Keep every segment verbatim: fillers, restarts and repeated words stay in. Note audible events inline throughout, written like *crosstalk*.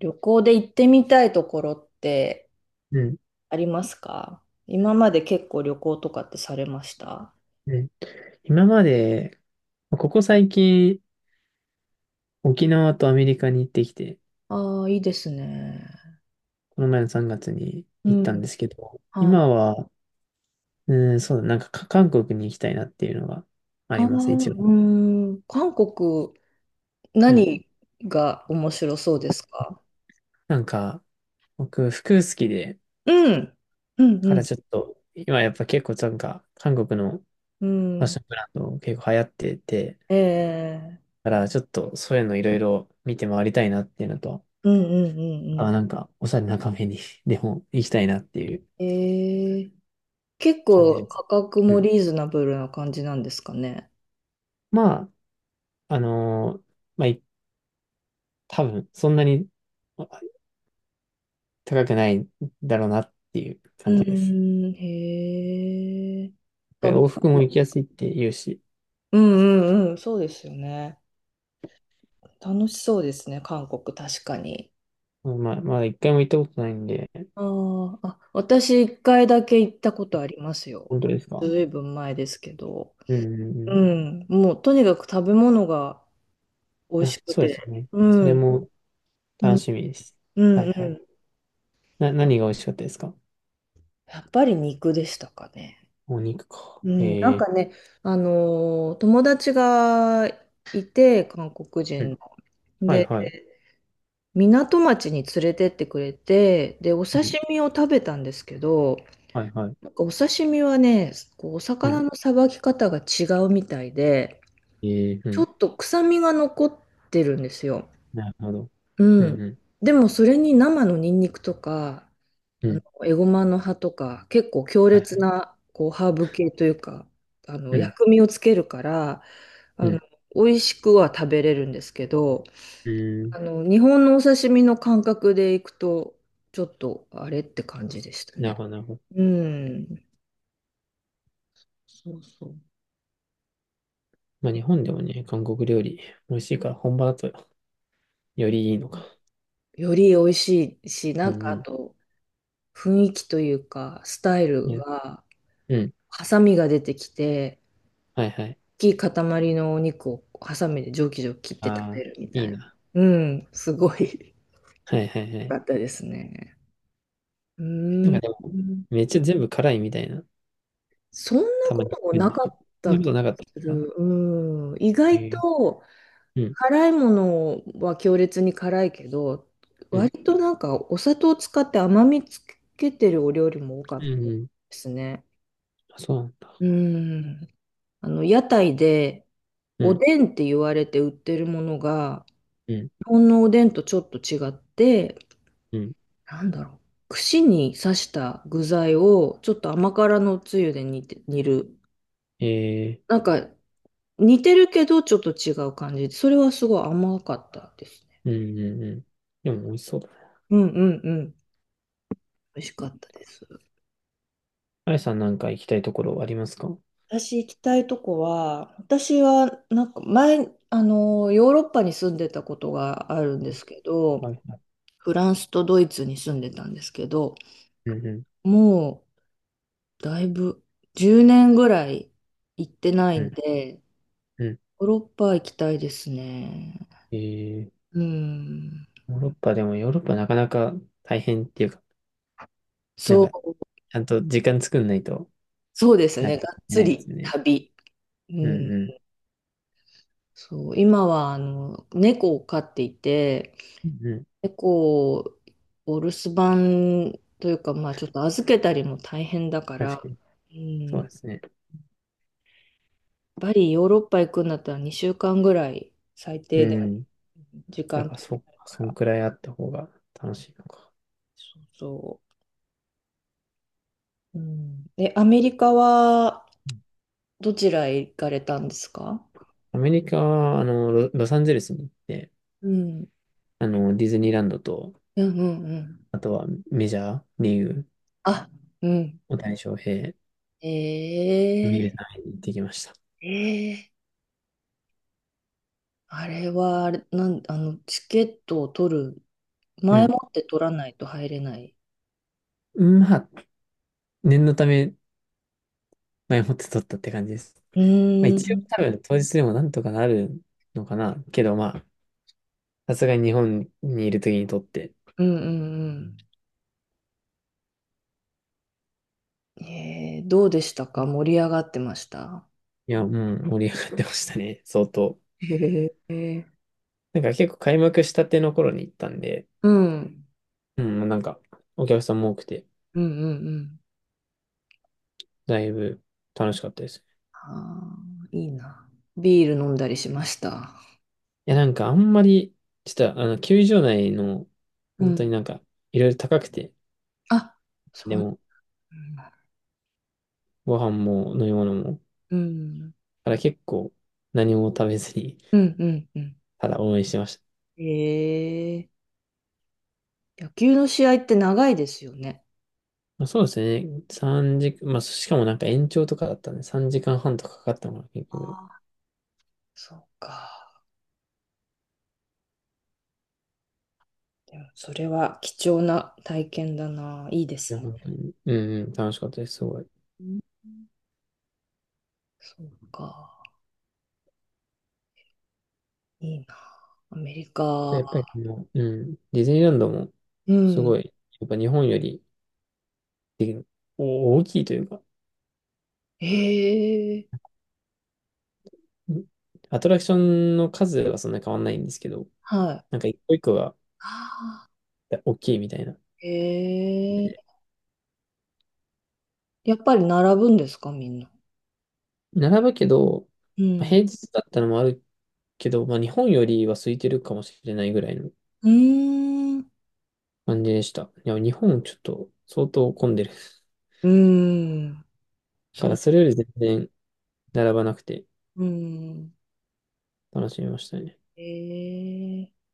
旅行で行ってみたいところってうん、ありますか？今まで結構旅行とかってされました？うん。今まで、ここ最近、沖縄とアメリカに行ってきて、ああ、いいですね。この前のさんがつにう行ったんん。ですけど、はい。今は、うん、そうだ、なんかか韓国に行きたいなっていうのがあありあ、ます、一応。うん、韓国、うん。何が面白そうですか？なんか、僕、服好きで、うん、うからんちょっと、今やっぱ結構なんか、韓国のフうァッん、ションブランド結構流行ってて、ええだからちょっとそういうのいろいろ見て回りたいなっていうのと、うん。ええうんうんうあ、んなんか、おしゃれなカフェに *laughs* でも行きたいなっていううん。ええ、結感じ構です。価格うもん、リーズナブルな感じなんですかね。まあ、あのーまあ、い多分、そんなに高くないだろうなっていうう感じです。ーん、へえ。往復も行きやすいって言うし、うんうんうん、そうですよね。楽しそうですね、韓国、確かに。まあ、まだ一回も行ったことないんで、あーあ、私一回だけ行ったことありますよ。本当ですか？ずいぶん前ですけど。うんううんん、もうとにかく食べ物が美う味ん。あ、しくそうでて。すよね。うそん、れうもん、楽しみです。うはいんうはい。ん。な、何が美味しかったですか？やっぱり肉でしたかね。お肉か。うん、なえんえ、かね、あのー友達がいて、韓国う人の。ん。はいで、はい。港町に連れてってくれて、で、おうん。刺身を食べたんですけど、はいはい。なんかお刺身はね、こうおう魚ん。のさばき方が違うみたいで、ええ、うちょん。っと臭みが残ってるんですよ。なるほど。ううん。んうん。でもそれに生のニンニクとか、うあのん。エゴマの葉とか、結構強はいは烈い。なこうハーブ系というか、あのうん。薬味をつけるから、うあん。の美味しくは食べれるんですけど、うあん。の日本のお刺身の感覚でいくと、ちょっとあれって感じでしたなるね。ほどなるほど。うん。そうそう。まあ、日本でもね、韓国料理美味しいから本場だとよりいいのか。より美味しいし、なうんんかあうと雰囲気というか、スタイん。いルや、が、うん。ハサミが出てきて、はいはい。大きい塊のお肉をハサミでジョキジョキ切って食あべあ、るみいたいいな。な。うん、すごい はいはい *laughs* は良かい。ったですね。うなんーかん、でも、めっちゃ全部辛いみたいな、そんなたまこに聞ともくんなですかけっど。そんたな気ことがなかったですすか？る。うん、意え外ー、とうん、辛いものは強烈に辛いけど、うん、割となんかお砂糖を使って甘みつけてるお料理も多かっうたでん、うん。すね。あ、そうなんだ。うん。あの、屋台で、うおん、でんって言われて売ってるものが、うん、日本のおでんとちょっと違って、うん。なんだろう。串に刺した具材を、ちょっと甘辛のつゆで煮て、煮る。えー、なんか、似てるけど、ちょっと違う感じで、それはすごい甘かったですね。うん、うん、うん。でも美味しそうだな。うんうんうん。美味しかったです。あやさんなんか行きたいところありますか？私行きたいとこは、私はなんか前、あの、ヨーロッパに住んでたことがあるんですけど、はいはい。フランスとドイツに住んでたんですけど、うん、うん、もうだいぶじゅうねんぐらい行ってないうんん、で、うん。ヨーロッパ行きたいですね。えー、うん。ヨーロッパ、でもヨーロッパなかなか大変っていうか、なんそかう、ちゃんと時間作んないと、そうですなね。かながかっいけつないですりよね。旅。ううんん。うん。そう、今はあの猫を飼っていて、うん、猫をお留守番というか、まあちょっと預けたりも大変だか確ら、かに。うん、そうやっですね。ぱりヨーロッパ行くんだったらにしゅうかんぐらい最う低でん。時やっ間ぱ取りそったいか、かそんら。くらいあった方が楽しいのか。そうそう。うん。え、アメリカはうん。どちらへ行かれたんですか？アメリカは、あの、ロ、ロサンゼルスに行って、うん。あの、ディズニーランドと、うんうんうん。あとはメジャーリーグ、あ、うん。大谷翔平を見ええるために行ってきました。ええあれは、あれ、なん、あの、チケットを取る、う前ん。もって取らないと入れない。まあ、念のため、前もって撮ったって感じです。うまあ、ー一応ん。多分当日でもなんとかなるのかな。けどまあ、さすがに日本にいる時に撮って、うんうんうん。ええ、どうでしたか？盛り上がってました？いや、もう盛り上がってましたね、相当。へえ、なんか結構開幕したての頃に行ったんで、うん。うん、なんかお客さんも多くて、うんうんうん。だいぶ楽しかったです。あーいいな。ビール飲んだりしました。いや、なんかあんまり、ちょっとあの、球場内の、う本当にん。なんか、いろいろ高くて、あ、そでうも、なんだ。ご飯も飲み物も、だうん。から結構何も食べずに、うん、うん、うん。ただ応援してました。ええ、野球の試合って長いですよね。まあ、そうですね、さんじ、まあ、しかもなんか延長とかだったんで、さんじかんはんとかかかったのか結あ局。あ、そうか。でも、それは貴重な体験だな。いいでいや、すね。本当に、うんうん、楽しかったです、すごい。うん、そうか。いいな。アメリじゃやっぱカ。りもう、うん、ディズニーランドも、うすん。ごい、やっぱ日本よりでお大きいというか、ええ、うん、アトラクションの数はそんな変わんないんですけど、はい。なんか一個一個があ大きいみたいな。ーええ、やっぱり並ぶんですか、みんな。並ぶけど、うまあん。平日だったのもあるけど、まあ日本よりは空いてるかもしれないぐらいのうーん。感じでした。いや、日本ちょっと相当混んでる。だうーん。からそれより全然並ばなくてうーん。楽しみましたね。えー、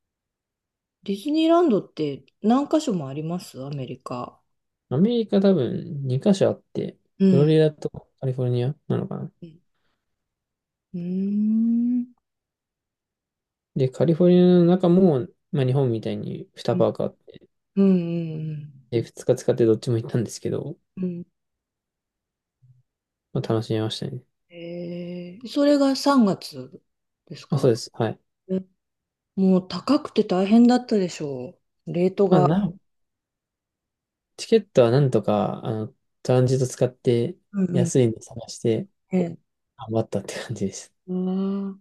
ディズニーランドって何箇所もありますアメリカ？アメリカ多分にカ所あって、うフロん。リダとカリフォルニアなのかな。うん。うーん。で、カリフォルニアの中も、まあ日本みたいににうんパークあって、うんうん。で、ふつか使ってどっちも行ったんですけど、うん、まあ楽しみましたね。えー、それがさんがつですあ、そか？うです。はい。うん、もう高くて大変だったでしょう。レートまあが。な、チケットはなんとか、あの、トランジット使ってうんうん。安いの探してええ、頑張ったって感じです。うん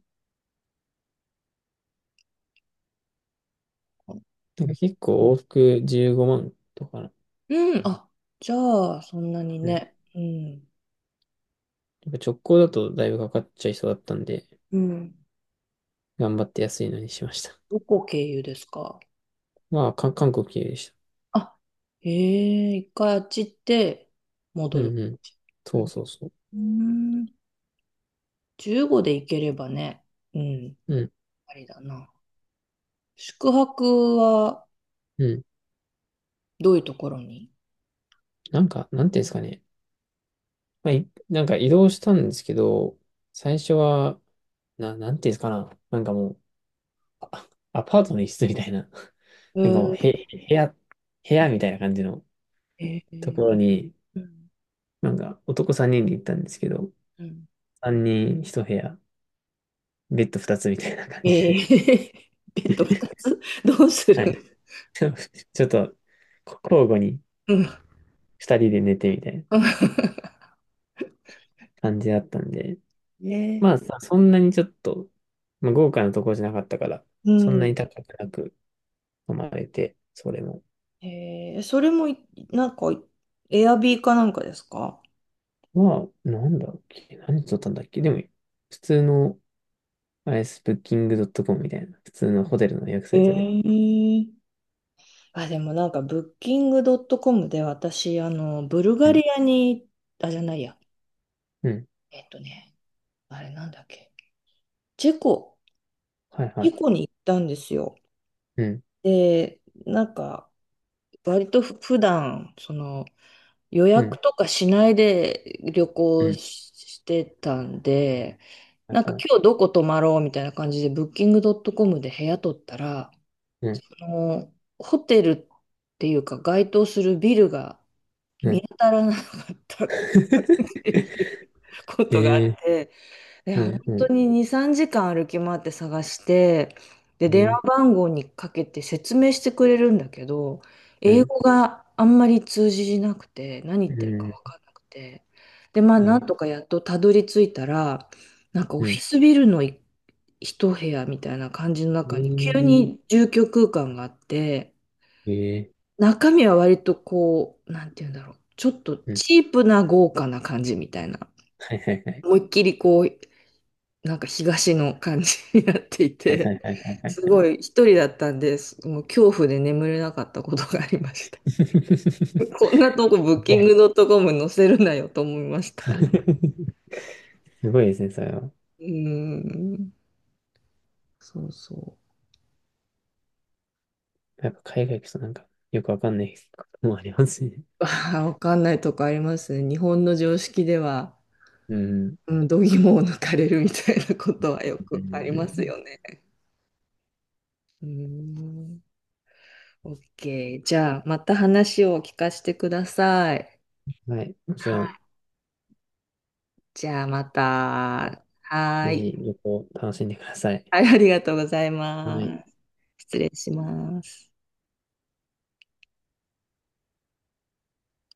なんか結構往復じゅうごまんとかな。うん。あ、じゃあ、そんなにうん。やね。うん。っぱ直行だとだいぶかかっちゃいそうだったんで、うん。頑張って安いのにしました。どこ経由ですか？まあ、か韓国経由でした。あ、へえ、一回あっち行ってう戻る。んうん。そうそうそう。うん、じゅうごで行ければね、うん、うん、ありだな。宿泊はうん。どういうところに？なんか、なんていうんですかね。まあ、いなんか移動したんですけど、最初は、な、なんていうんですかな。なんかもう、アパートの一室みたいな。え *laughs* なんかもう、ー、へ、部屋、部屋みたいな感じのえとー、ころに、うん、なんか男さんにんで行ったんですけど、うん。さんにんひと部屋、ベッドふたつみたいな感えじで。ー、*laughs* ベッドふたつどうす *laughs* る？はい。*laughs* ちょっと、交互にうん。ふたりで寝てみたいな *laughs* 感じだったんで、ね、まあさ、そんなにちょっと、まあ、豪華なとこじゃなかったから、うそんなん。に高くなく飲まれて、それも。えー、それもい、なんか、エアビーかなんかですか？まあ、なんだっけ、何取ったんだっけ、でも、普通の、あれです、ブッキングドットコムみたいな、普通のホテルの予約サえイトで。ー、あ、でもなんか、ブッキングドットコムで私、あの、ブルうガリん、アに、あ、じゃないや。うん、えっとね、あれなんだっけ。チェコ、はいはチェい、コに行ったんですよ。うん、で、なんか、割とふ普段、その、予う約ん、とかしないで旅う行しん、してたんで、はいなんかはい、今日どこ泊まろうみたいな感じで、ブッキングドットコムで部屋取ったら、うん、その、ホテルっていうか、該当するビルがう見ん。当たらなかった*laughs* ことがあっええ、て、で、うん、本当うにに、さんじかん歩き回って探して、で、ん、電話ええ、番号にかけて説明してくれるんだけど、う英ん、語があんまり通じなくて、何言っうてるかん、分かんなくて、で、まあ、えなえ、んとかやっとたどり着いたら、なんかオうフィん、スビルのい一部屋みたいな感じの中に急えに住居空間があって、えええ、中身は割とこう、なんて言うんだろう、ちょっとうん、チープな豪華な感じみたいな。はいはいはい、思いっきりこう、なんか東の感じになっていはいはて、いはいはい *laughs* はすい。ごい一人だったんです。もう恐怖で眠れなかったことがありました。*laughs* す *laughs* こんなとこブッキごングい。ドットコム載せるなよと思いました。*laughs* すごいですね、それは。*laughs* うーん、そうそやっぱ海外行くとなんか、よくわかんない *laughs* こともありますね。う。ああ、わかんないとこありますね。日本の常識では、うん。うんうん、度肝を抜かれるみたいなことはようんくありうますん。よね。うーん、OK。じゃあ、また話を聞かせてください。はい。もちろはん、い、じゃあまた。はぜーひい。旅行楽しんでください。はい、ありがとうございはい。ます。失礼します。